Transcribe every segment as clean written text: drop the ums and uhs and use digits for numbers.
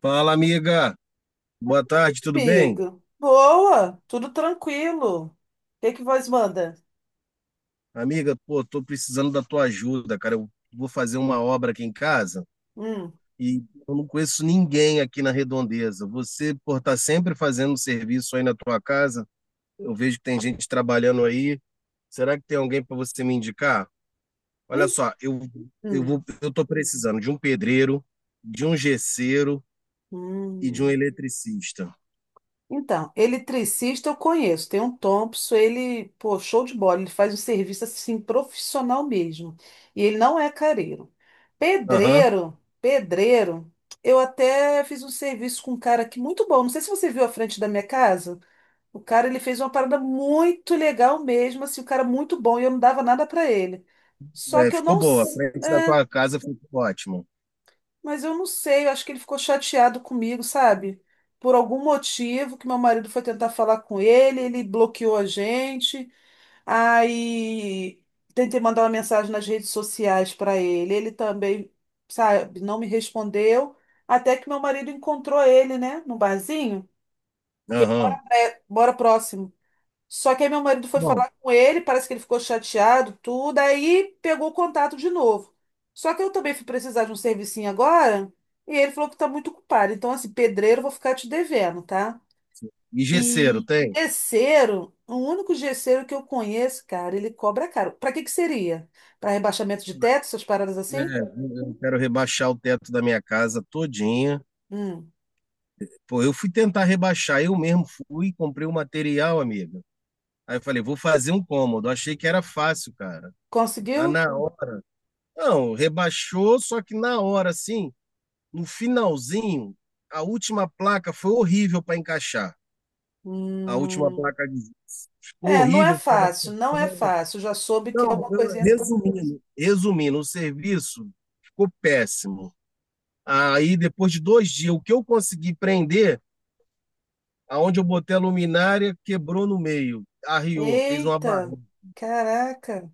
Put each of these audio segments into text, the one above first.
Fala, amiga. Boa tarde, tudo bem? Amigo. Boa, tudo tranquilo. O que que vós manda? Amiga, pô, tô precisando da tua ajuda, cara. Eu vou fazer uma obra aqui em casa Hum. e eu não conheço ninguém aqui na Redondeza. Você, por estar sempre fazendo serviço aí na tua casa, eu vejo que tem gente trabalhando aí. Será que tem alguém para você me indicar? Olha en- só, eu eu hum. vou eu tô precisando de um pedreiro, de um gesseiro e de um Hum. eletricista. Então, eletricista eu conheço, tem um Thompson, ele, pô, show de bola, ele faz um serviço assim profissional mesmo. E ele não é careiro. Aham. Pedreiro, pedreiro, eu até fiz um serviço com um cara aqui muito bom. Não sei se você viu a frente da minha casa. O cara, ele fez uma parada muito legal mesmo, assim, o cara muito bom, e eu não dava nada pra ele. Só É, que eu ficou não. boa. A frente da É, tua casa ficou ótimo. mas eu não sei, eu acho que ele ficou chateado comigo, sabe? Por algum motivo que meu marido foi tentar falar com ele, ele bloqueou a gente, aí tentei mandar uma mensagem nas redes sociais pra ele, ele também, sabe, não me respondeu, até que meu marido encontrou ele, né, no barzinho. Aham. Bora próximo. Só que aí meu marido foi Bom. falar com ele, parece que ele ficou chateado, tudo, aí pegou o contato de novo. Só que eu também fui precisar de um servicinho agora, e ele falou que tá muito ocupado. Então, assim, pedreiro, eu vou ficar te devendo, tá? E gesseiro, E tem? gesseiro, o único gesseiro que eu conheço, cara, ele cobra caro. Pra que que seria? Pra rebaixamento de teto, essas paradas assim? É, eu quero rebaixar o teto da minha casa todinha. Hum. Pô, eu fui tentar rebaixar, eu mesmo fui, comprei o material, amiga. Aí eu falei, vou fazer um cômodo. Achei que era fácil, cara. Mas Conseguiu? na hora, não, rebaixou, só que na hora, assim, no finalzinho, a última placa foi horrível para encaixar. A última Hum. placa de ficou É, não é horrível, ficava. fácil, não é fácil. Já soube que é Não, uma coisinha trabalhosa. resumindo, o serviço ficou péssimo. Aí, depois de 2 dias, o que eu consegui prender, aonde eu botei a luminária, quebrou no meio, arriou, fez uma Eita, barriga. caraca.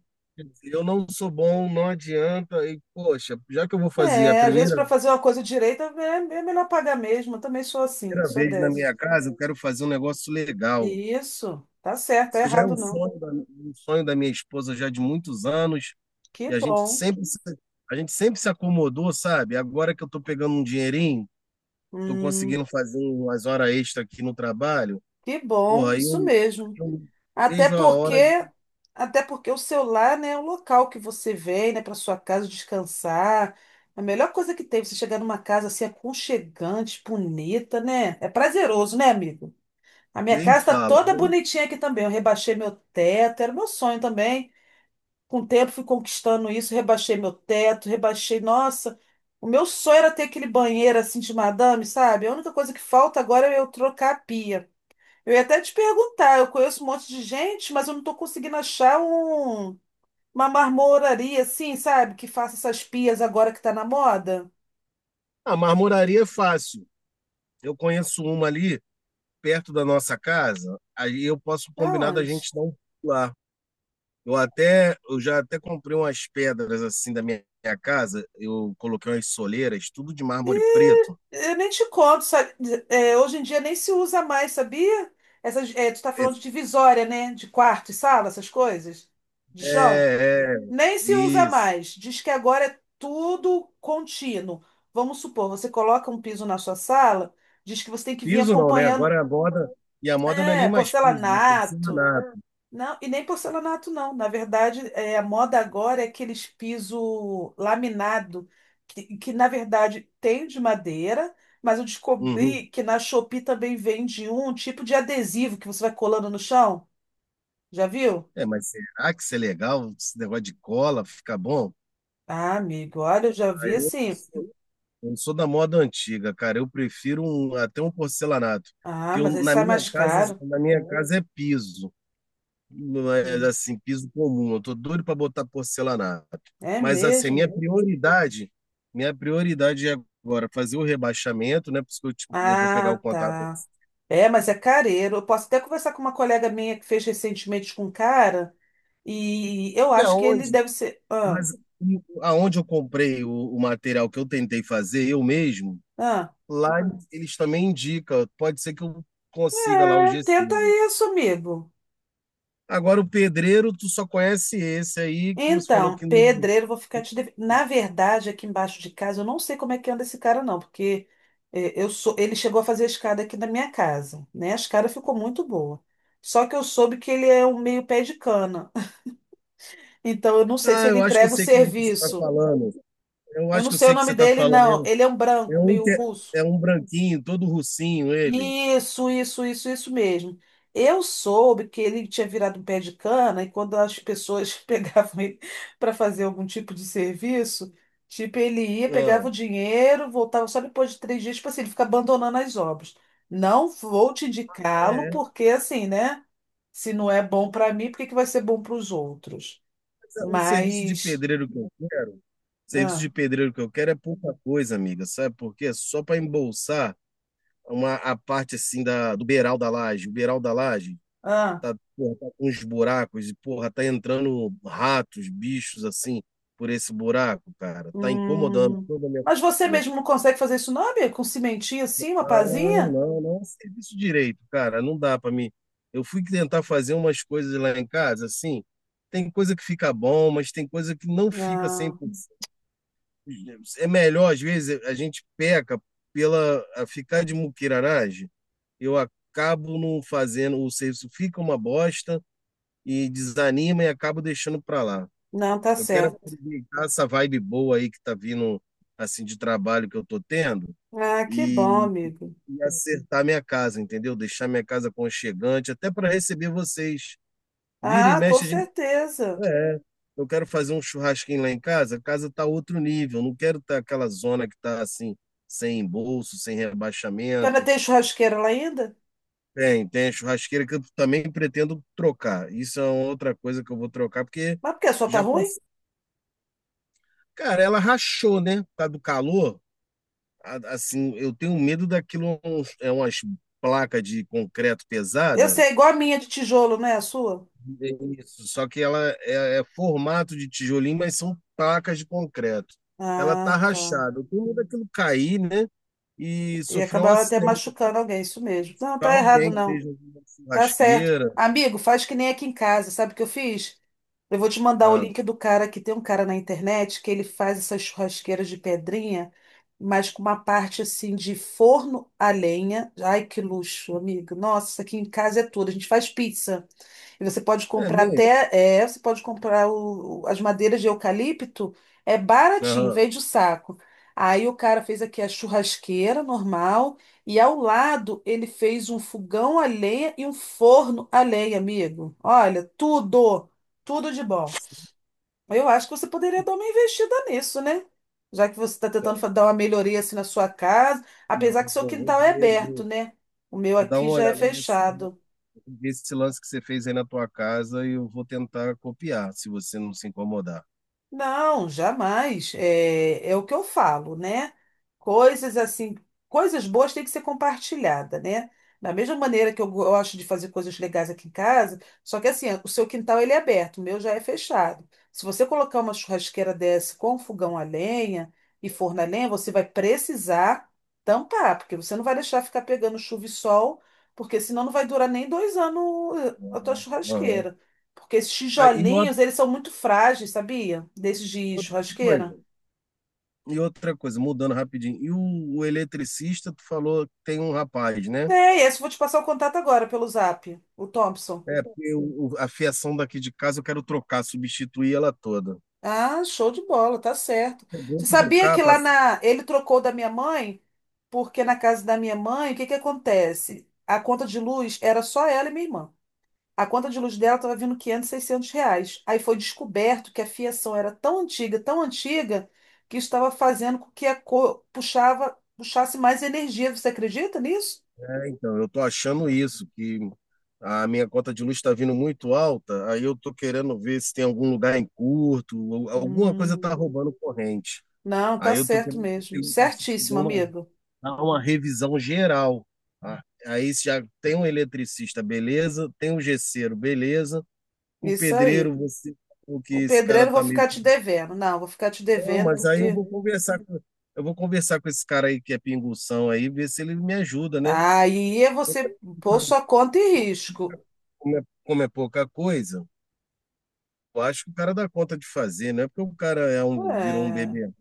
Eu não sou bom, não adianta. E, poxa, já que eu vou fazer a É, às vezes para primeira, fazer uma coisa direita é, é melhor pagar mesmo. Eu também sou assim, primeira sou vez na dessa. minha casa, eu quero fazer um negócio legal. Isso, tá certo, tá Isso já é errado um não. sonho um sonho da minha esposa já de muitos anos, Que e a gente bom. sempre, a gente sempre se acomodou, sabe? Agora que eu tô pegando um dinheirinho, tô Hum, conseguindo fazer umas horas extra aqui no trabalho. que Pô, bom, aí isso eu, mesmo. eu Até vejo a porque, hora, até porque o seu lar, né, é o local que você vem, né, para sua casa descansar. A melhor coisa que tem, você chegar numa casa assim aconchegante, bonita, né? É prazeroso, né, amigo? A minha nem casa está fala. toda bonitinha aqui também. Eu rebaixei meu teto, era meu sonho também. Com o tempo fui conquistando isso, rebaixei meu teto, rebaixei. Nossa, o meu sonho era ter aquele banheiro assim de madame, sabe? A única coisa que falta agora é eu trocar a pia. Eu ia até te perguntar, eu conheço um monte de gente, mas eu não estou conseguindo achar um, uma marmoraria assim, sabe? Que faça essas pias agora que tá na moda. A marmoraria é fácil. Eu conheço uma ali perto da nossa casa, aí eu posso combinar da Aonde? gente dar um pulo lá. Eu até, eu já até comprei umas pedras assim da minha casa, eu coloquei umas soleiras, tudo de mármore preto. Eu nem te conto, sabe? É, hoje em dia nem se usa mais, sabia? Essas, é, tu tá falando de divisória, né? De quarto e sala, essas coisas, de chão. É, é, Nem se usa isso. mais. Diz que agora é tudo contínuo. Vamos supor, você coloca um piso na sua sala, diz que você tem que vir Piso não, né? acompanhando, Agora a moda, a moda não é é, nem mais piso, é porcelanato, porcelanato. não, e nem porcelanato, não. Na verdade, é, a moda agora é aqueles piso laminado, que na verdade tem de madeira, mas eu Uhum. descobri que na Shopee também vende um tipo de adesivo que você vai colando no chão. Já viu? É, mas será que isso é legal? Esse negócio de cola fica bom? Ah, amigo, olha, eu já vi Eu não assim. sou, eu não sou da moda antiga, cara. Eu prefiro até um porcelanato. Ah, mas aí sai mais caro. Na minha casa é piso. Não é Hum, assim, piso comum. Eu tô doido para botar porcelanato. É Mas assim, mesmo? Minha prioridade é agora fazer o rebaixamento, né? Por isso que eu vou pegar o Ah, contato. tá. É, mas é careiro. Eu posso até conversar com uma colega minha que fez recentemente com um cara, e eu E acho que ele aonde? deve ser. Ah. Mas e aonde eu comprei o material que eu tentei fazer eu mesmo, Ah, lá eles também indicam. Pode ser que eu consiga lá o é, gesso. tenta isso, amigo. Agora, o pedreiro, tu só conhece esse aí que você falou Então, que não. pedreiro, vou ficar te devendo. Na verdade, aqui embaixo de casa, eu não sei como é que anda esse cara, não, porque eu sou. Ele chegou a fazer a escada aqui na minha casa, né? A escada ficou muito boa. Só que eu soube que ele é um meio pé de cana. Então, eu não sei se Ah, ele eu acho que eu entrega o sei quem você está serviço. falando. Eu Eu acho não que eu sei o sei que nome você está dele, falando. É não. um, Ele é um é branco, um, meio que é- russo. É um branquinho, todo russinho ele. Isso mesmo. Eu soube que ele tinha virado um pé de cana e quando as pessoas pegavam ele para fazer algum tipo de serviço, tipo, ele ia, pegava o Ah, dinheiro, voltava só depois de 3 dias, tipo assim, ele fica abandonando as obras. Não vou te indicá-lo, é, é. porque assim, né? Se não é bom para mim, por que que vai ser bom para os outros? O serviço de Mas. pedreiro que eu quero, serviço Ah, de pedreiro que eu quero é pouca coisa, amiga. Sabe por quê? Só para embolsar a parte assim do beiral da laje, o beiral da laje. ah, Tá, porra, tá com uns buracos e, porra, tá entrando ratos, bichos assim, por esse buraco, cara. Tá incomodando hum. toda a minha Mas você família. mesmo não consegue fazer isso, não, amigo? Com cimentinho assim, uma Não, pazinha? não, não, serviço direito, cara. Não dá pra mim. Eu fui tentar fazer umas coisas lá em casa, assim. Tem coisa que fica bom, mas tem coisa que não fica 100%. É melhor, às vezes, a gente peca pela a ficar de muquiraragem. Eu acabo não fazendo, o serviço fica uma bosta e desanima e acabo deixando para lá. Não, tá Eu quero certo. aproveitar essa vibe boa aí que tá vindo assim de trabalho que eu tô tendo Ah, que e, bom, amigo. e acertar minha casa, entendeu? Deixar minha casa aconchegante, até para receber vocês. Vira e Ah, com mexe, a gente. certeza. É, é. Eu quero fazer um churrasquinho lá em casa, a casa tá outro nível, não quero estar aquela zona que tá assim, sem embolso, sem Já vai rebaixamento. ter churrasqueira lá ainda? Tem, tem a churrasqueira que eu também pretendo trocar. Isso é uma outra coisa que eu vou trocar, porque Mas por que a sua tá já ruim? passou. Cara, ela rachou, né? Por causa do calor. Assim, eu tenho medo daquilo, umas placas de concreto Eu pesada. sei, é igual a minha de tijolo, não é a sua? Isso. Só que ela é, é formato de tijolinho, mas são placas de concreto. Ela tá Ah, tá. rachada. Eu tenho medo daquilo cair, né? E E sofrer um acabar até acidente. machucando alguém, isso mesmo. Não, Tá tá errado, alguém que não. esteja na Tá certo. churrasqueira. Amigo, faz que nem aqui em casa, sabe o que eu fiz? Eu vou te mandar o Ah, link do cara que tem um cara na internet que ele faz essas churrasqueiras de pedrinha, mas com uma parte assim de forno a lenha. Ai, que luxo, amigo. Nossa, aqui em casa é tudo. A gente faz pizza. E você pode é comprar mesmo? até, é, você pode comprar as madeiras de eucalipto, é baratinho, Aham. vende o saco. Aí o cara fez aqui a churrasqueira normal, e ao lado ele fez um fogão a lenha e um forno a lenha, amigo. Olha, tudo, tudo de bom. Eu acho que você poderia dar uma investida nisso, né? Já que você está tentando dar uma melhoria assim na sua casa, Não, apesar eu que seu vou, quintal é ver, eu aberto, vou, né? O meu vou dar aqui uma já é olhada nesse. fechado. Esse lance que você fez aí na tua casa, eu vou tentar copiar, se você não se incomodar. Não, jamais. É, é o que eu falo, né? Coisas assim, coisas boas têm que ser compartilhada, né? Da mesma maneira que eu gosto de fazer coisas legais aqui em casa, só que assim, o seu quintal ele é aberto, o meu já é fechado. Se você colocar uma churrasqueira dessa com fogão a lenha e forno a lenha, você vai precisar tampar, porque você não vai deixar ficar pegando chuva e sol, porque senão não vai durar nem 2 anos, a tua Uhum, uhum. churrasqueira. Porque esses Ah, e tijolinhos, eles são muito frágeis, sabia? Desses de outra coisa, churrasqueira. e outra coisa, mudando rapidinho. E o eletricista, tu falou que tem um rapaz, né? É, e esse eu vou te passar o contato agora pelo Zap, o Thompson. É, porque a fiação daqui de casa eu quero trocar, substituir ela toda. Ah, show de bola, tá certo. É bom Você sabia trocar, que lá passa-. na. Ele trocou da minha mãe? Porque na casa da minha mãe, o que que acontece? A conta de luz era só ela e minha irmã. A conta de luz dela estava vindo 500, R$ 600. Aí foi descoberto que a fiação era tão antiga, que estava fazendo com que a cor puxava, puxasse mais energia. Você acredita nisso? É, então, eu tô achando isso, que a minha conta de luz está vindo muito alta, aí eu tô querendo ver se tem algum lugar em curto, ou alguma coisa tá Hum, roubando corrente. não, tá Aí eu tô certo querendo ver mesmo. o eletricista dê Certíssimo, uma, amigo. dar uma revisão geral. Tá? Aí já tem um eletricista, beleza? Tem um gesseiro, beleza? O Isso aí. pedreiro, você falou que O esse pedreiro cara eu vou tá ficar meio. te devendo. Não, vou ficar te Não, devendo mas aí porque eu vou conversar com esse cara aí que é pinguição aí, ver se ele me ajuda, né? aí é você pôr sua conta em risco. Como é pouca coisa, eu acho que o cara dá conta de fazer, não é porque o cara é um, virou um É. bebê, não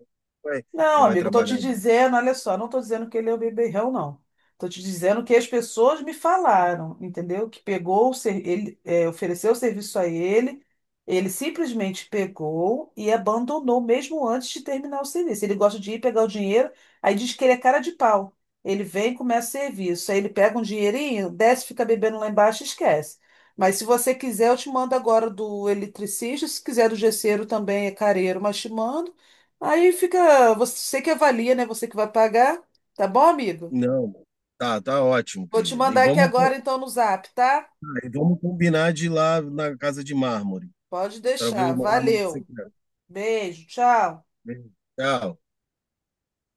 vai, Não, não vai amigo, tô te trabalhar. dizendo, olha só, não tô dizendo que ele é o beberrão, não. Tô te dizendo que as pessoas me falaram, entendeu? Que pegou, ele é, ofereceu o serviço a ele, ele simplesmente pegou e abandonou mesmo antes de terminar o serviço. Ele gosta de ir pegar o dinheiro, aí diz que ele é cara de pau. Ele vem e começa o serviço, aí ele pega um dinheirinho, desce, fica bebendo lá embaixo e esquece. Mas se você quiser, eu te mando agora do eletricista, se quiser do gesseiro também é careiro, mas te mando. Aí fica você que avalia, né? Você que vai pagar. Tá bom, amigo? Não, tá ótimo, Vou te querida. E mandar aqui vamos, agora, então, no Zap, tá? ah, e vamos combinar de ir lá na Casa de Mármore, Pode para ver deixar. o mármore que você Valeu. quer. Beijo, tchau. Tchau.